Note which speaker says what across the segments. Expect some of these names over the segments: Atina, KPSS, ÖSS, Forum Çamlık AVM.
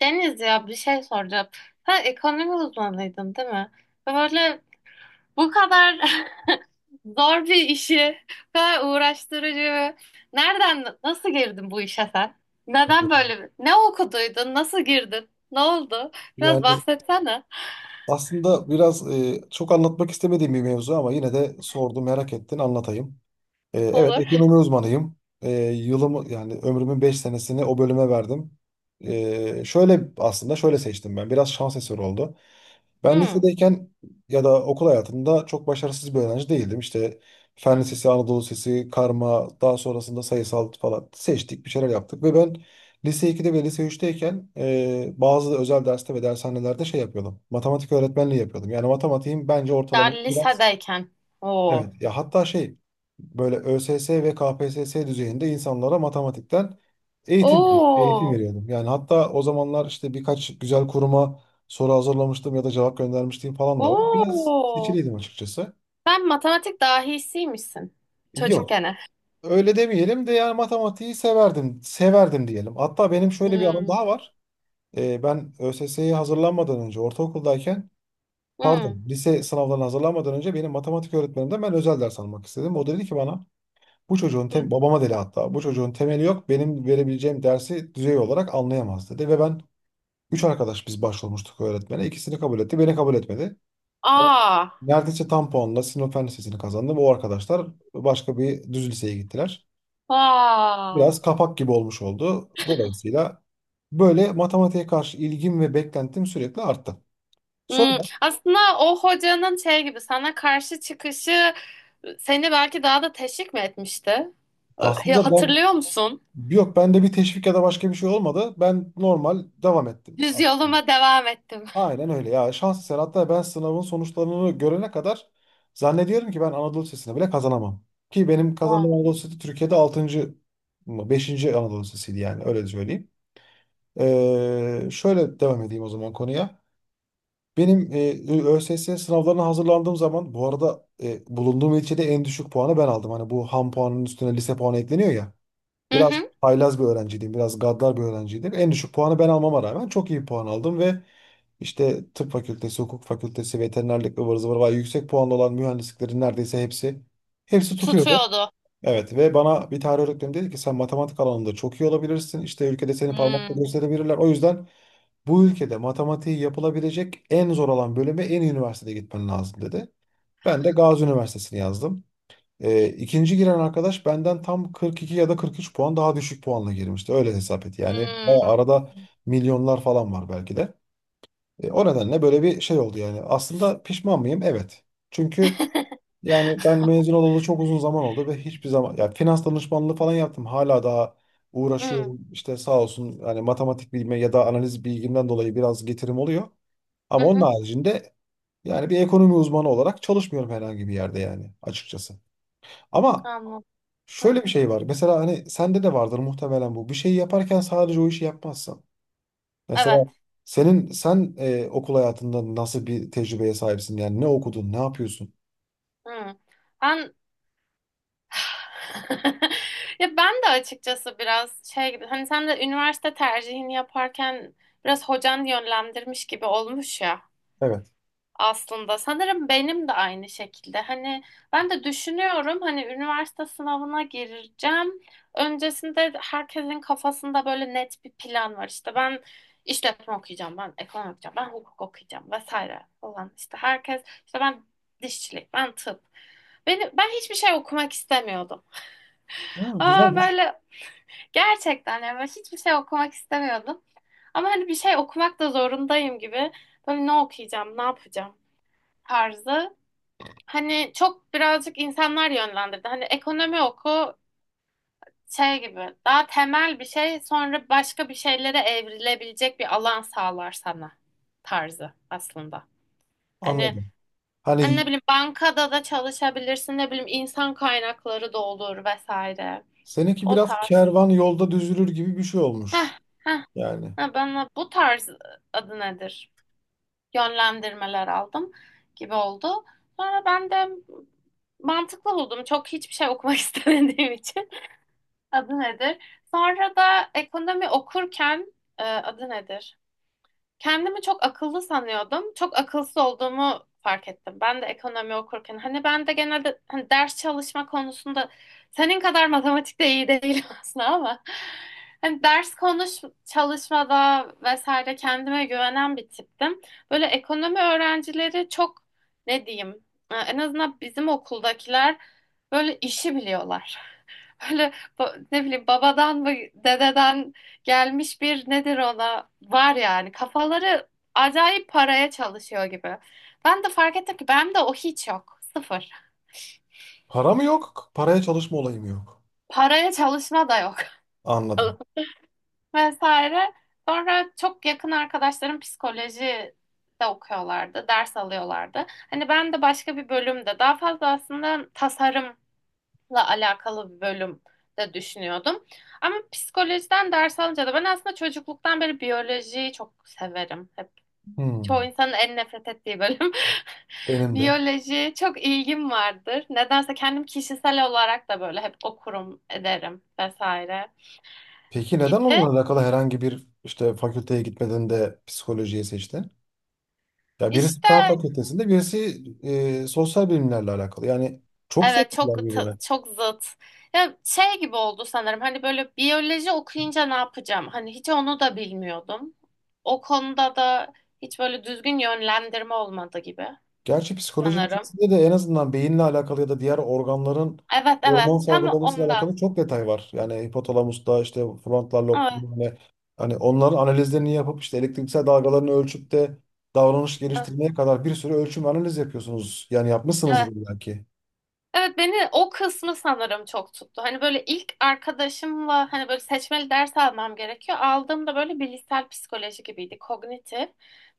Speaker 1: Deniz, ya bir şey soracağım. Sen ekonomi uzmanıydın, değil mi? Ve böyle bu kadar zor bir işi, bu kadar uğraştırıcı. Nereden, nasıl girdin bu işe sen? Neden böyle? Ne okuduydun? Nasıl girdin? Ne oldu? Biraz
Speaker 2: Yani,
Speaker 1: bahsetsene.
Speaker 2: aslında biraz çok anlatmak istemediğim bir mevzu ama yine de sordu merak ettin, anlatayım. Evet,
Speaker 1: Olur.
Speaker 2: ekonomi uzmanıyım. Yılımı yani ömrümün 5 senesini o bölüme verdim. E, şöyle aslında şöyle seçtim ben. Biraz şans eseri oldu. Ben
Speaker 1: Hmm,
Speaker 2: lisedeyken ya da okul hayatımda çok başarısız bir öğrenci değildim. İşte Fen Lisesi, Anadolu Lisesi, karma, daha sonrasında sayısal falan seçtik, bir şeyler yaptık. Ve ben lise 2'de ve lise üçteyken bazı özel derste ve dershanelerde yapıyordum. Matematik öğretmenliği yapıyordum. Yani matematiğim bence
Speaker 1: daha
Speaker 2: ortalama biraz.
Speaker 1: lisedeyken. Oo.
Speaker 2: Evet ya, hatta böyle ÖSS ve KPSS düzeyinde insanlara matematikten eğitim
Speaker 1: Oo.
Speaker 2: veriyordum. Yani hatta o zamanlar işte birkaç güzel kuruma soru hazırlamıştım ya da cevap göndermiştim falan da var. Biraz
Speaker 1: Oo.
Speaker 2: seçiliydim açıkçası.
Speaker 1: Sen matematik dahisiymişsin.
Speaker 2: Yok.
Speaker 1: Çocukken.
Speaker 2: Öyle demeyelim de yani severdim diyelim. Hatta benim şöyle bir anım
Speaker 1: Hmm.
Speaker 2: daha var. Ben ÖSS'ye hazırlanmadan önce ortaokuldayken, pardon,
Speaker 1: Hmm.
Speaker 2: lise sınavlarına hazırlanmadan önce benim matematik öğretmenimden ben özel ders almak istedim. O dedi ki bana, Bu çocuğun
Speaker 1: Hmm.
Speaker 2: tem babama dedi hatta, bu çocuğun temeli yok, benim verebileceğim dersi düzey olarak anlayamaz dedi. Ve ben üç arkadaş biz başvurmuştuk öğretmene. İkisini kabul etti, beni kabul etmedi. Ben
Speaker 1: Aa.
Speaker 2: neredeyse tam puanla Sinop Fen Lisesi'ni kazandım, o arkadaşlar başka bir düz liseye gittiler.
Speaker 1: Aa.
Speaker 2: Biraz kapak gibi olmuş oldu, dolayısıyla böyle matematiğe karşı ilgim ve beklentim sürekli arttı.
Speaker 1: Hmm.
Speaker 2: Sonra
Speaker 1: Aslında o hocanın şey gibi sana karşı çıkışı seni belki daha da teşvik mi etmişti?
Speaker 2: aslında ben
Speaker 1: Hatırlıyor musun?
Speaker 2: yok, bende bir teşvik ya da başka bir şey olmadı, ben normal devam ettim
Speaker 1: Düz
Speaker 2: aslında.
Speaker 1: yoluma devam ettim.
Speaker 2: Aynen öyle ya. Şans eseri, hatta ben sınavın sonuçlarını görene kadar zannediyorum ki ben Anadolu Lisesi'ne bile kazanamam. Ki benim
Speaker 1: Aa.
Speaker 2: kazandığım Anadolu Lisesi Türkiye'de 6. mı, 5. Anadolu Lisesi'ydi, yani öyle söyleyeyim. Şöyle devam edeyim o zaman konuya. Benim ÖSS sınavlarına hazırlandığım zaman, bu arada, bulunduğum ilçede en düşük puanı ben aldım. Hani bu ham puanının üstüne lise puanı ekleniyor ya.
Speaker 1: Hı
Speaker 2: Biraz
Speaker 1: hı.
Speaker 2: haylaz bir öğrenciydim. Biraz gaddar bir öğrenciydim. En düşük puanı ben almama rağmen çok iyi puan aldım ve işte tıp fakültesi, hukuk fakültesi, veterinerlik, ıvır zıvır var. Yüksek puanlı olan mühendisliklerin neredeyse hepsi tutuyordu.
Speaker 1: Tutuyordu.
Speaker 2: Evet, ve bana bir tarih öğretmenim dedi ki sen matematik alanında çok iyi olabilirsin. İşte ülkede seni parmakla
Speaker 1: Hmm.
Speaker 2: gösterebilirler. O yüzden bu ülkede matematiği yapılabilecek en zor olan bölüme en iyi üniversitede gitmen lazım dedi. Ben de Gazi Üniversitesi'ni yazdım. İkinci giren arkadaş benden tam 42 ya da 43 puan daha düşük puanla girmişti. Öyle hesap et. Yani bayağı
Speaker 1: Hmm.
Speaker 2: arada milyonlar falan var belki de. O nedenle böyle bir şey oldu yani. Aslında pişman mıyım? Evet. Çünkü yani ben mezun olalı çok uzun zaman oldu ve hiçbir zaman, ya, finans danışmanlığı falan yaptım. Hala daha
Speaker 1: Hmm.
Speaker 2: uğraşıyorum. İşte sağ olsun, yani matematik bilme ya da analiz bilgimden dolayı biraz getirim oluyor. Ama
Speaker 1: Hı
Speaker 2: onun
Speaker 1: hı.
Speaker 2: haricinde yani bir ekonomi uzmanı olarak çalışmıyorum herhangi bir yerde, yani açıkçası. Ama
Speaker 1: Anladım. Hmm.
Speaker 2: şöyle bir şey var. Mesela hani sende de vardır muhtemelen bu. Bir şey yaparken sadece o işi yapmazsın. Mesela
Speaker 1: Evet.
Speaker 2: sen okul hayatında nasıl bir tecrübeye sahipsin? Yani ne okudun, ne yapıyorsun?
Speaker 1: Hmm. Ben ya ben de açıkçası biraz şey gibi hani sen de üniversite tercihini yaparken biraz hocan yönlendirmiş gibi olmuş ya.
Speaker 2: Evet.
Speaker 1: Aslında sanırım benim de aynı şekilde. Hani ben de düşünüyorum, hani üniversite sınavına gireceğim. Öncesinde herkesin kafasında böyle net bir plan var. İşte ben işletme okuyacağım, ben ekonomi okuyacağım, ben hukuk okuyacağım vesaire falan. İşte herkes, işte ben dişçilik, ben tıp. Beni, ben hiçbir şey okumak istemiyordum.
Speaker 2: Ha,
Speaker 1: Aa,
Speaker 2: güzelmiş.
Speaker 1: böyle gerçekten, yani ben hiçbir şey okumak istemiyordum. Ama hani bir şey okumak da zorundayım gibi. Böyle ne okuyacağım, ne yapacağım tarzı. Hani çok birazcık insanlar yönlendirdi. Hani ekonomi oku, şey gibi daha temel bir şey sonra başka bir şeylere evrilebilecek bir alan sağlar sana tarzı aslında. Hani,
Speaker 2: Anladım.
Speaker 1: hani
Speaker 2: Hani
Speaker 1: ne bileyim bankada da çalışabilirsin, ne bileyim insan kaynakları da olur vesaire.
Speaker 2: seninki
Speaker 1: O
Speaker 2: biraz
Speaker 1: tarz.
Speaker 2: kervan yolda düzülür gibi bir şey
Speaker 1: Heh,
Speaker 2: olmuş.
Speaker 1: heh,
Speaker 2: Yani
Speaker 1: ha, bana bu tarz, adı nedir, yönlendirmeler aldım gibi oldu. Sonra ben de mantıklı buldum. Çok hiçbir şey okumak istemediğim için. Adı nedir? Sonra da ekonomi okurken adı nedir, kendimi çok akıllı sanıyordum. Çok akılsız olduğumu fark ettim. Ben de ekonomi okurken. Hani ben de genelde, hani ders çalışma konusunda senin kadar matematikte iyi değilim aslında, ama hani ders konuş çalışmada vesaire kendime güvenen bir tiptim. Böyle ekonomi öğrencileri çok, ne diyeyim, en azından bizim okuldakiler böyle işi biliyorlar. Böyle ne bileyim babadan mı, dededen gelmiş bir nedir ona var, yani kafaları acayip paraya çalışıyor gibi. Ben de fark ettim ki benim de o hiç yok. Sıfır.
Speaker 2: para mı yok? Paraya çalışma olayı mı yok?
Speaker 1: Paraya çalışma da yok.
Speaker 2: Anladım.
Speaker 1: Vesaire. Sonra çok yakın arkadaşlarım psikoloji de okuyorlardı, ders alıyorlardı. Hani ben de başka bir bölümde, daha fazla aslında tasarım alakalı bir bölüm de düşünüyordum. Ama psikolojiden ders alınca da, ben aslında çocukluktan beri biyolojiyi çok severim. Hep çoğu
Speaker 2: Hmm,
Speaker 1: insanın en nefret ettiği bölüm.
Speaker 2: benim de.
Speaker 1: Biyoloji çok ilgim vardır. Nedense kendim kişisel olarak da böyle hep okurum, ederim vesaire
Speaker 2: Peki neden
Speaker 1: idi.
Speaker 2: onunla alakalı herhangi bir işte fakülteye gitmeden de psikolojiyi seçtin? Ya birisi
Speaker 1: İşte
Speaker 2: Fen Fakültesinde, birisi sosyal bilimlerle alakalı. Yani çok
Speaker 1: evet
Speaker 2: farklılar
Speaker 1: çok
Speaker 2: birbirine.
Speaker 1: çok zıt. Ya şey gibi oldu sanırım. Hani böyle biyoloji okuyunca ne yapacağım? Hani hiç onu da bilmiyordum. O konuda da hiç böyle düzgün yönlendirme olmadı gibi
Speaker 2: Gerçi psikolojinin
Speaker 1: sanırım.
Speaker 2: içerisinde de en azından beyinle alakalı ya da diğer organların
Speaker 1: Evet, evet
Speaker 2: hormon
Speaker 1: tam
Speaker 2: salgılamasıyla
Speaker 1: ondan.
Speaker 2: alakalı çok detay var. Yani hipotalamusta işte frontal lob,
Speaker 1: Evet
Speaker 2: yani hani onların analizlerini yapıp işte elektriksel dalgalarını ölçüp de davranış
Speaker 1: evet.
Speaker 2: geliştirmeye kadar bir sürü ölçüm analiz yapıyorsunuz. Yani
Speaker 1: Evet
Speaker 2: yapmışsınızdır belki.
Speaker 1: Evet, beni o kısmı sanırım çok tuttu. Hani böyle ilk arkadaşımla, hani böyle seçmeli ders almam gerekiyor. Aldığımda böyle bilişsel psikoloji gibiydi, kognitif.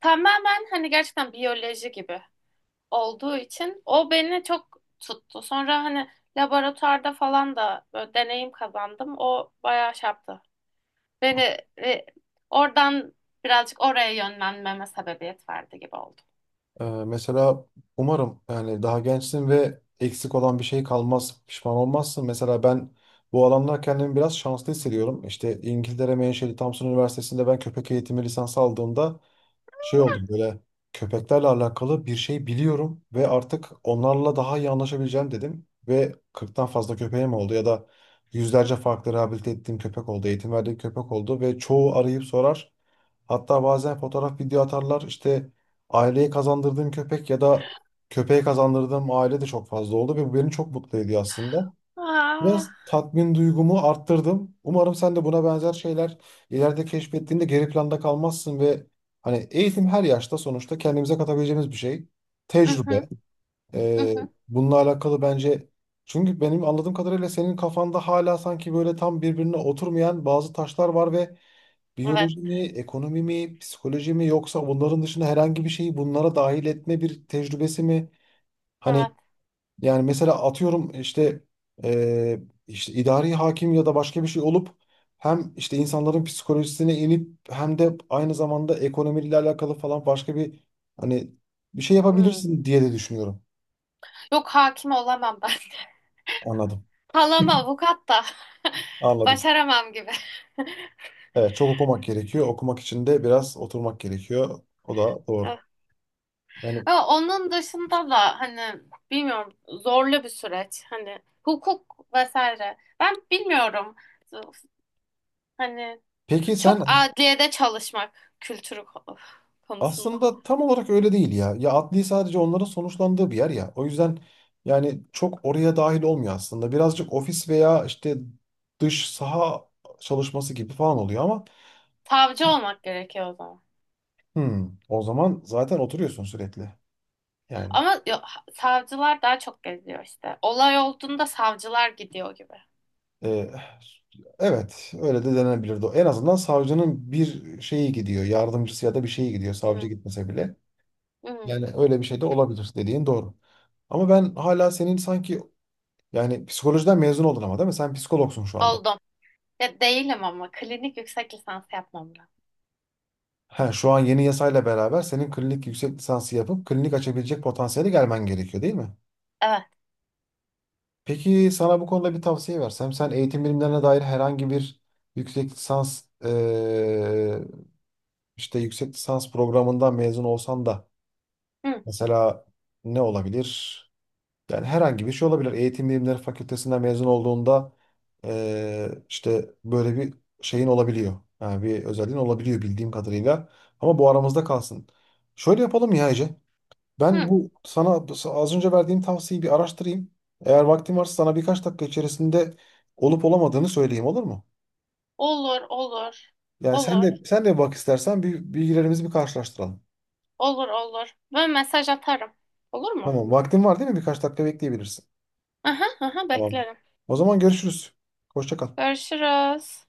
Speaker 1: Tamamen hani gerçekten biyoloji gibi olduğu için o beni çok tuttu. Sonra hani laboratuvarda falan da böyle deneyim kazandım. O bayağı şey yaptı. Beni e, oradan birazcık oraya yönlenmeme sebebiyet verdi gibi oldu.
Speaker 2: Mesela umarım yani daha gençsin ve eksik olan bir şey kalmaz, pişman olmazsın. Mesela ben bu alanda kendimi biraz şanslı hissediyorum. İşte İngiltere menşeli Thompson Üniversitesi'nde ben köpek eğitimi lisansı aldığımda şey oldum, böyle köpeklerle alakalı bir şey biliyorum ve artık onlarla daha iyi anlaşabileceğim dedim. Ve 40'tan fazla köpeğim oldu ya da yüzlerce farklı rehabilite ettiğim köpek oldu, eğitim verdiğim köpek oldu ve çoğu arayıp sorar. Hatta bazen fotoğraf, video atarlar. İşte aileye kazandırdığım köpek ya da köpeğe kazandırdığım aile de çok fazla oldu ve bu beni çok mutlu ediyor aslında.
Speaker 1: Aa,
Speaker 2: Biraz tatmin duygumu arttırdım. Umarım sen de buna benzer şeyler ileride keşfettiğinde geri planda kalmazsın ve hani eğitim her yaşta sonuçta kendimize katabileceğimiz bir şey.
Speaker 1: hı hı,
Speaker 2: Tecrübe.
Speaker 1: hı
Speaker 2: Ee,
Speaker 1: hı.
Speaker 2: Bununla alakalı bence, çünkü benim anladığım kadarıyla senin kafanda hala sanki böyle tam birbirine oturmayan bazı taşlar var ve biyoloji
Speaker 1: Evet,
Speaker 2: mi, ekonomi mi, psikoloji mi, yoksa bunların dışında herhangi bir şeyi bunlara dahil etme bir tecrübesi mi? Hani
Speaker 1: evet.
Speaker 2: yani mesela atıyorum işte eee, işte idari hakim ya da başka bir şey olup hem işte insanların psikolojisine inip hem de aynı zamanda ekonomiyle alakalı falan başka bir, hani, bir şey
Speaker 1: Hmm.
Speaker 2: yapabilirsin diye de düşünüyorum.
Speaker 1: Yok, hakim olamam ben.
Speaker 2: Anladım.
Speaker 1: Halam avukat da.
Speaker 2: Anladım.
Speaker 1: Başaramam gibi.
Speaker 2: Evet, çok okumak gerekiyor. Okumak için de biraz oturmak gerekiyor. O da doğru. Yani
Speaker 1: Ama onun dışında da hani bilmiyorum, zorlu bir süreç. Hani hukuk vesaire. Ben bilmiyorum. Hani
Speaker 2: peki
Speaker 1: çok
Speaker 2: sen.
Speaker 1: adliyede çalışmak kültürü konusunda.
Speaker 2: Aslında tam olarak öyle değil ya. Ya adli sadece onların sonuçlandığı bir yer ya. O yüzden yani çok oraya dahil olmuyor aslında. Birazcık ofis veya işte dış saha çalışması gibi falan oluyor ama
Speaker 1: Savcı olmak gerekiyor o zaman.
Speaker 2: hmm, o zaman zaten oturuyorsun sürekli. Yani
Speaker 1: Ama savcılar daha çok geziyor işte. Olay olduğunda savcılar gidiyor gibi.
Speaker 2: e, evet, öyle de denebilirdi. En azından savcının bir şeyi gidiyor. Yardımcısı ya da bir şeyi gidiyor. Savcı
Speaker 1: Hı,
Speaker 2: gitmese bile.
Speaker 1: hı,
Speaker 2: Yani öyle bir şey de olabilir, dediğin doğru. Ama ben hala senin sanki, yani psikolojiden mezun oldun ama değil mi? Sen psikologsun şu anda.
Speaker 1: oldum. Ya değilim ama klinik yüksek lisans yapmam lazım.
Speaker 2: He, şu an yeni yasayla beraber senin klinik yüksek lisansı yapıp klinik açabilecek potansiyeli gelmen gerekiyor değil mi?
Speaker 1: Evet.
Speaker 2: Peki sana bu konuda bir tavsiye versem, sen eğitim bilimlerine dair herhangi bir yüksek lisans işte yüksek lisans programından mezun olsan da
Speaker 1: Hı,
Speaker 2: mesela ne olabilir? Yani herhangi bir şey olabilir. Eğitim Bilimleri Fakültesinden mezun olduğunda işte böyle bir şeyin olabiliyor. Yani bir özelliğin olabiliyor bildiğim kadarıyla. Ama bu aramızda kalsın. Şöyle yapalım ya Ece. Ben
Speaker 1: hı.
Speaker 2: bu sana az önce verdiğim tavsiyeyi bir araştırayım. Eğer vaktin varsa sana birkaç dakika içerisinde olup olamadığını söyleyeyim, olur mu?
Speaker 1: Olur, olur,
Speaker 2: Yani sen
Speaker 1: olur.
Speaker 2: de sen de bak istersen bir bilgilerimizi bir karşılaştıralım.
Speaker 1: Olur olur. Ben mesaj atarım. Olur mu?
Speaker 2: Tamam, vaktin var değil mi? Birkaç dakika bekleyebilirsin.
Speaker 1: Aha aha
Speaker 2: Tamam.
Speaker 1: beklerim.
Speaker 2: O zaman görüşürüz. Hoşça kal.
Speaker 1: Görüşürüz.